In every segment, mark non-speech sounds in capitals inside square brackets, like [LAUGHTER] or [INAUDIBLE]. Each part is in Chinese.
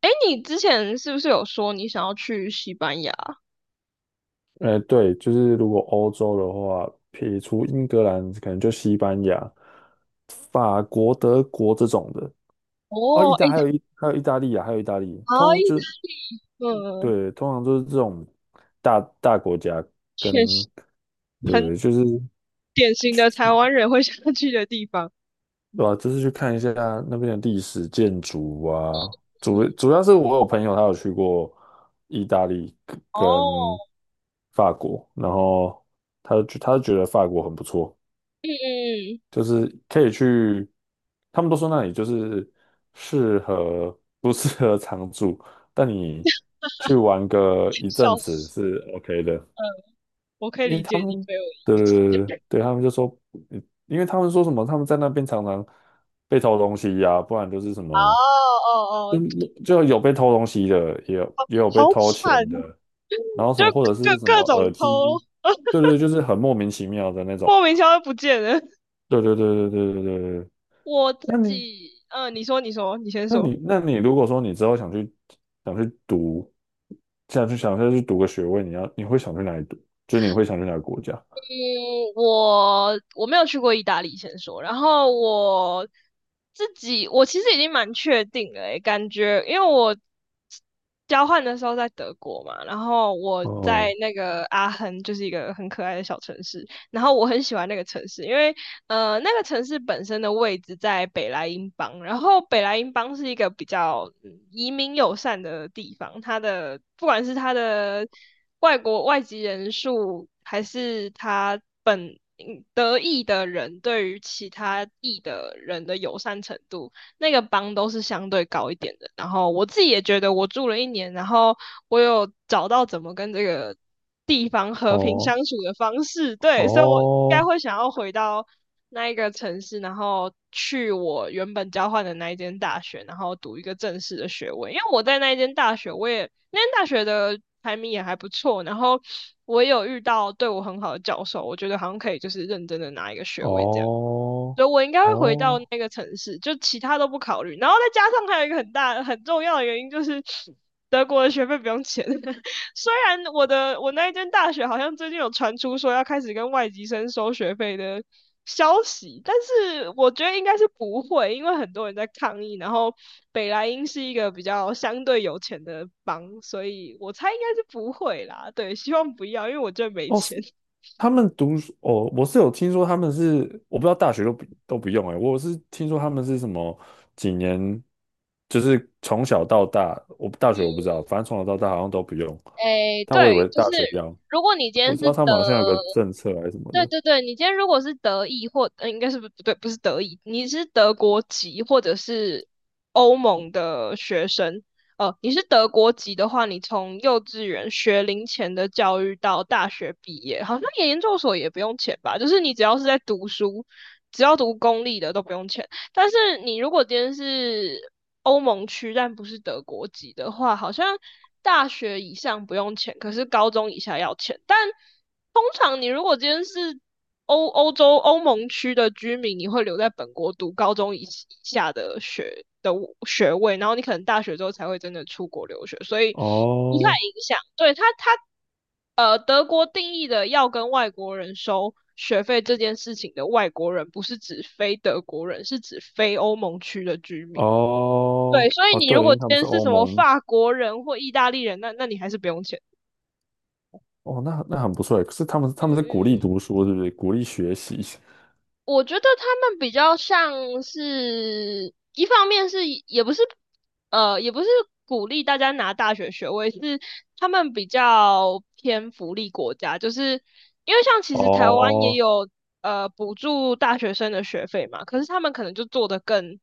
哎，你之前是不是有说你想要去西班牙？对，就是如果欧洲的话，撇除英格兰，可能就西班牙、法国、德国这种的。哦，哦，哎，意大利啊，还有意大利，啊，意大利，嗯，对，通常都是这种大国家确跟实很对，就是典型的台去湾人会想要去的地方。对吧？就是去看一下那边的历史建筑啊，主嗯，主要是我有朋友他有去过意大利跟哦，法国，然后他就觉得法国很不错，嗯嗯，就是可以去，他们都说那里就是适合不适合常住，但你去玩个一阵笑子死，是 OK 的。嗯，我可以因为理解他你们朋友的意思。的 [LAUGHS] 对他们就说，嗯，因为他们说什么，他们在那边常常被偷东西呀、不然就是什哦么，哦就哦，就有被偷东西的，也有被好偷惨，钱的，然后什就么或者是什各么种耳机，偷，对对，就是很莫名其妙的那种，莫名其妙就不见了。对对对对对对对对。我自那你己，你先说。那你如果说你之后想去读，想再去读个学位，你会想去哪里读？就是你会想去哪个国家？嗯，我没有去过意大利，先说。然后我自己，我其实已经蛮确定了诶，感觉因为我交换的时候在德国嘛，然后我在嗯。那个阿亨，就是一个很可爱的小城市，然后我很喜欢那个城市，因为那个城市本身的位置在北莱茵邦，然后北莱茵邦是一个比较移民友善的地方，它的不管是它的外籍人数，还是它德裔的人对于其他裔的人的友善程度，那个帮都是相对高一点的。然后我自己也觉得，我住了1年，然后我有找到怎么跟这个地方和平哦相处的方式，对，所以我应该哦。会想要回到那一个城市，然后去我原本交换的那一间大学，然后读一个正式的学位。因为我在那一间大学，那间大学的排名也还不错，然后我也有遇到对我很好的教授，我觉得好像可以就是认真的拿一个学位这样。哦。所以我应该会回到哦。那个城市，就其他都不考虑。然后再加上还有一个很大很重要的原因就是德国的学费不用钱。[LAUGHS] 虽然我那一间大学好像最近有传出说要开始跟外籍生收学费的消息，但是我觉得应该是不会，因为很多人在抗议。然后北莱茵是一个比较相对有钱的邦，所以我猜应该是不会啦。对，希望不要，因为我真的没哦，钱。是他们读书哦，我是有听说他们是，我不知道大学都不用哎、我是听说他们是什么几年，就是从小到大，我大学我不知道，反正从小到大好像都不用，诶，但我以对，为就是大学要，如果你今我天知是道他德们好像有个政策还是什么对的。对对，你今天如果是德裔或，应该是不对，不是德裔，你是德国籍或者是欧盟的学生，你是德国籍的话，你从幼稚园学龄前的教育到大学毕业，好像研究所也不用钱吧？就是你只要是在读书，只要读公立的都不用钱。但是你如果今天是欧盟区但不是德国籍的话，好像大学以上不用钱，可是高中以下要钱，但。通常你如果今天是欧盟区的居民，你会留在本国读高中以下的学位，然后你可能大学之后才会真的出国留学，所以不太哦。影响。对他他呃，德国定义的要跟外国人收学费这件事情的外国人，不是指非德国人，是指非欧盟区的居民。对，哦。所以哦，你对，如因果为今他们是天是欧什么盟。法国人或意大利人，那你还是不用钱。哦，那很不错诶，可是他们他嗯们是嗯鼓励嗯读书，是不是？鼓励学习。我觉得他们比较像是，一方面是也不是，呃，也不是鼓励大家拿大学学位，是他们比较偏福利国家，就是因为像其实台湾也哦，有补助大学生的学费嘛，可是他们可能就做得更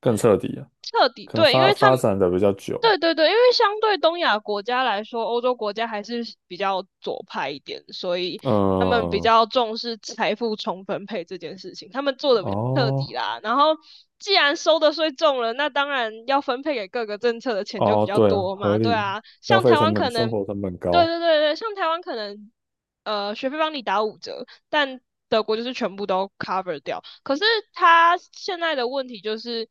更嗯彻底啊。彻底，可能对，因发为他发们展的比较对久。对对，因为相对东亚国家来说，欧洲国家还是比较左派一点，所以他们比嗯。较重视财富重分配这件事情，他们做的比较彻底哦啦。然后，既然收的税重了，那当然要分配给各个政策的钱就比哦，较对啊，多合嘛，对理，啊。消像费台湾成本、可生能，活成本对高。对对对，像台湾可能，学费帮你打5折，但德国就是全部都 cover 掉。可是他现在的问题就是。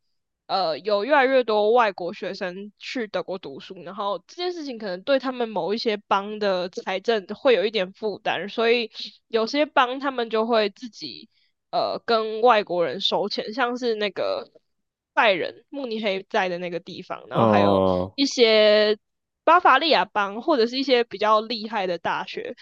有越来越多外国学生去德国读书，然后这件事情可能对他们某一些邦的财政会有一点负担，所以有些邦他们就会自己跟外国人收钱，像是那个拜仁、慕尼黑在的那个地方，然嗯。后还有哦。一些巴伐利亚邦或者是一些比较厉害的大学，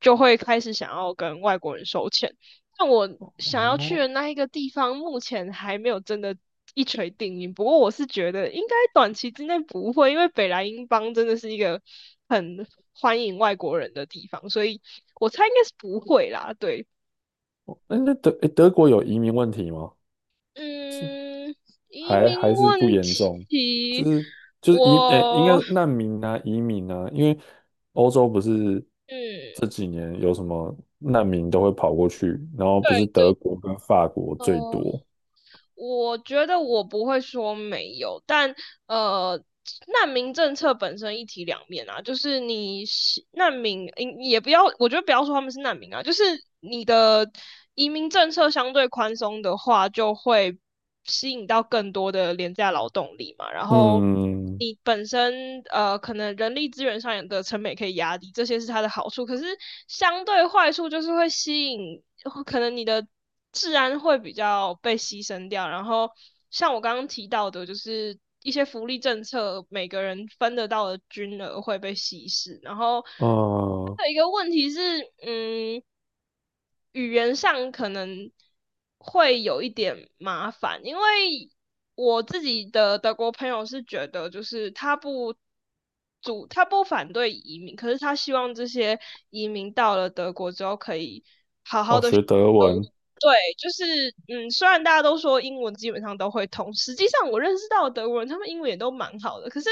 就会开始想要跟外国人收钱。但我想要去的那一个地方，目前还没有真的一锤定音。不过我是觉得应该短期之内不会，因为北莱茵邦真的是一个很欢迎外国人的地方，所以我猜应该是不会啦。对，哎，那德国有移民问题吗？嗯，移还民还是不问严重？就题，是就是应该我，是难民啊，移民啊，因为欧洲不是嗯，这几年有什么难民都会跑过去，然后对不是德对，国跟法国最哦、多。我觉得我不会说没有，但呃，难民政策本身一体两面啊，就是你难民，也不要，我觉得不要说他们是难民啊，就是你的移民政策相对宽松的话，就会吸引到更多的廉价劳动力嘛，然后嗯。你本身可能人力资源上的成本可以压低，这些是它的好处。可是相对坏处就是会吸引，可能你的治安会比较被牺牲掉。然后像我刚刚提到的，就是一些福利政策，每个人分得到的均额会被稀释。然后啊。哦，还有一个问题是，嗯，语言上可能会有一点麻烦，因为我自己的德国朋友是觉得，就是他不反对移民，可是他希望这些移民到了德国之后可以。学德文。对，就是虽然大家都说英文基本上都会通，实际上我认识到的德国人，他们英文也都蛮好的。可是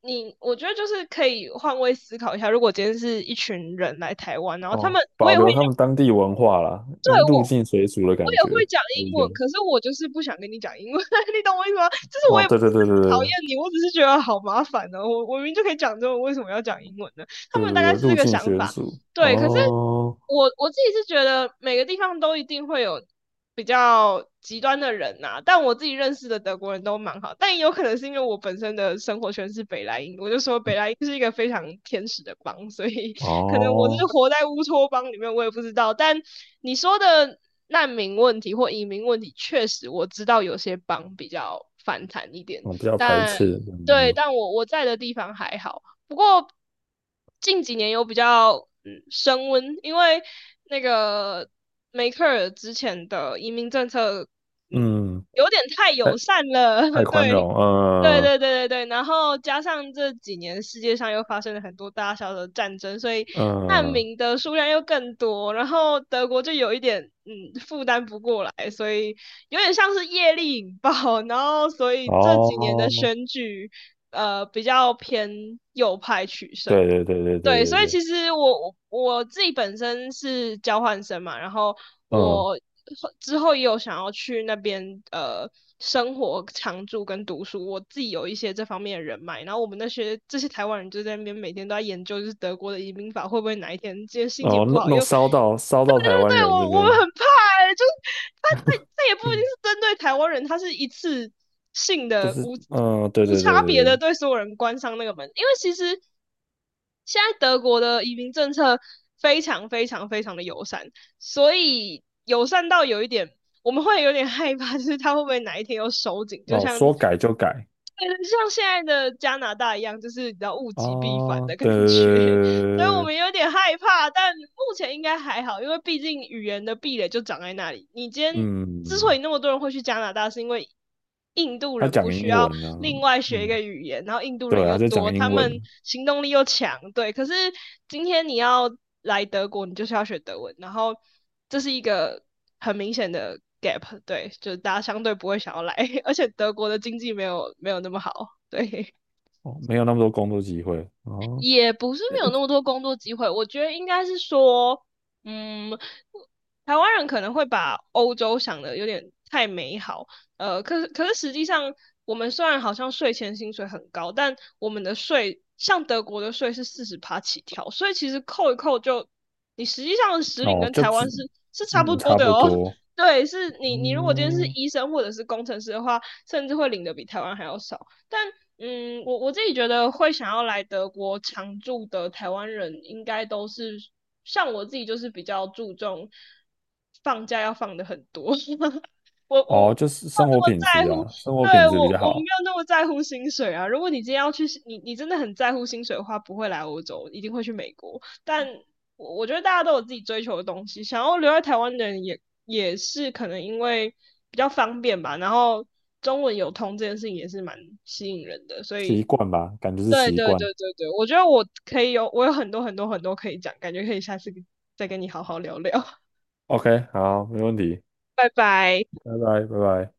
我觉得就是可以换位思考一下，如果今天是一群人来台湾，然后他哦，们，保留他们当地文化啦，因为入境随俗的我感也会觉，讲就是英这文，样。可是我就是不想跟你讲英文，[LAUGHS] 你懂我意思吗？就是我哦，也不对对对是讨对对厌你，我只是觉得好麻烦呢、我明明就可以讲中文，为什么要讲英文呢？他对们大对对，概是这入个境想随法，俗。对。可是哦我自己是觉得每个地方都一定会有比较极端的人呐、啊但我自己认识的德国人都蛮好，但也有可能是因为我本身的生活圈是北莱茵，我就说北莱茵是一个非常天使的邦，所以 [LAUGHS] 可能我是哦，活在乌托邦里面，我也不知道。但你说的难民问题或移民问题，确实我知道有些邦比较反弹一点，我比较排但斥。对，嗯但我在的地方还好。不过近几年有比较升温，因为那个梅克尔之前的移民政策，嗯，嗯。有点太友太善了，太 [LAUGHS] 宽对。容。对嗯对对对对，然后加上这几年世界上又发生了很多大小的战争，所以难嗯。民的数量又更多，然后德国就有一点负担不过来，所以有点像是业力引爆，[LAUGHS] 然后所以这几年的哦，选举比较偏右派取胜。对对对对对对，对所以对。其实我自己本身是交换生嘛，然后嗯。我之后也有想要去那边生活、常住跟读书，我自己有一些这方面的人脉，然后我们这些台湾人就在那边每天都在研究，就是德国的移民法会不会哪一天今天心情哦，不好又。烧到烧对到台对湾对，人这我们边。很怕欸，就是他也不一定嗯，是针对台湾人，他是一次性就的是，无嗯，对无对对差对别的对。对所有人关上那个门，因为其实现在德国的移民政策非常非常非常的友善，所以友善到有一点，我们会有点害怕，就是他会不会哪一天又收紧，就哦，像，说改就改。像现在的加拿大一样，就是比较物极必反哦，的感对对对觉。所以我对对对，对。们有点害怕，但目前应该还好，因为毕竟语言的壁垒就长在那里。你今天之所以嗯。那么多人会去加拿大，是因为印度他人讲不需英要文呢。另外学一嗯，个语言，然后印度人对，他又在多，讲他英文。们行动力又强，对。可是今天你要来德国，你就是要学德文，然后这是一个很明显的 gap，对，就是大家相对不会想要来，[LAUGHS] 而且德国的经济没有那么好，对。哦，没有那么多工作机会。哦。也不是没有那么多工作机会，我觉得应该是说，嗯，台湾人可能会把欧洲想的有点太美好，可是实际上，我们虽然好像税前薪水很高，但我们的税像德国的税是40趴起跳，所以其实扣一扣就，你实际上的实领哦，跟就台只，湾是差不嗯，多差的不哦。[LAUGHS] 多。对，是你如果今天是哦。医生或者是工程师的话，甚至会领的比台湾还要少。但我自己觉得会想要来德国常住的台湾人，应该都是像我自己，就是比较注重放假要放的很多。[LAUGHS] 我哦，就是没有生那活么品在质乎，啊，生活品对，我质比较我没好。有那么在乎薪水啊。如果你今天要去，你真的很在乎薪水的话，不会来欧洲，一定会去美国。但我觉得大家都有自己追求的东西，想要留在台湾的人也是可能因为比较方便吧，然后中文有通这件事情也是蛮吸引人的，所以习惯吧，感觉是对习对惯。对对对，我觉得我有很多很多很多可以讲，感觉可以下次再跟你好好聊聊，OK，好，没问题。[LAUGHS] 拜拜。拜拜，拜拜。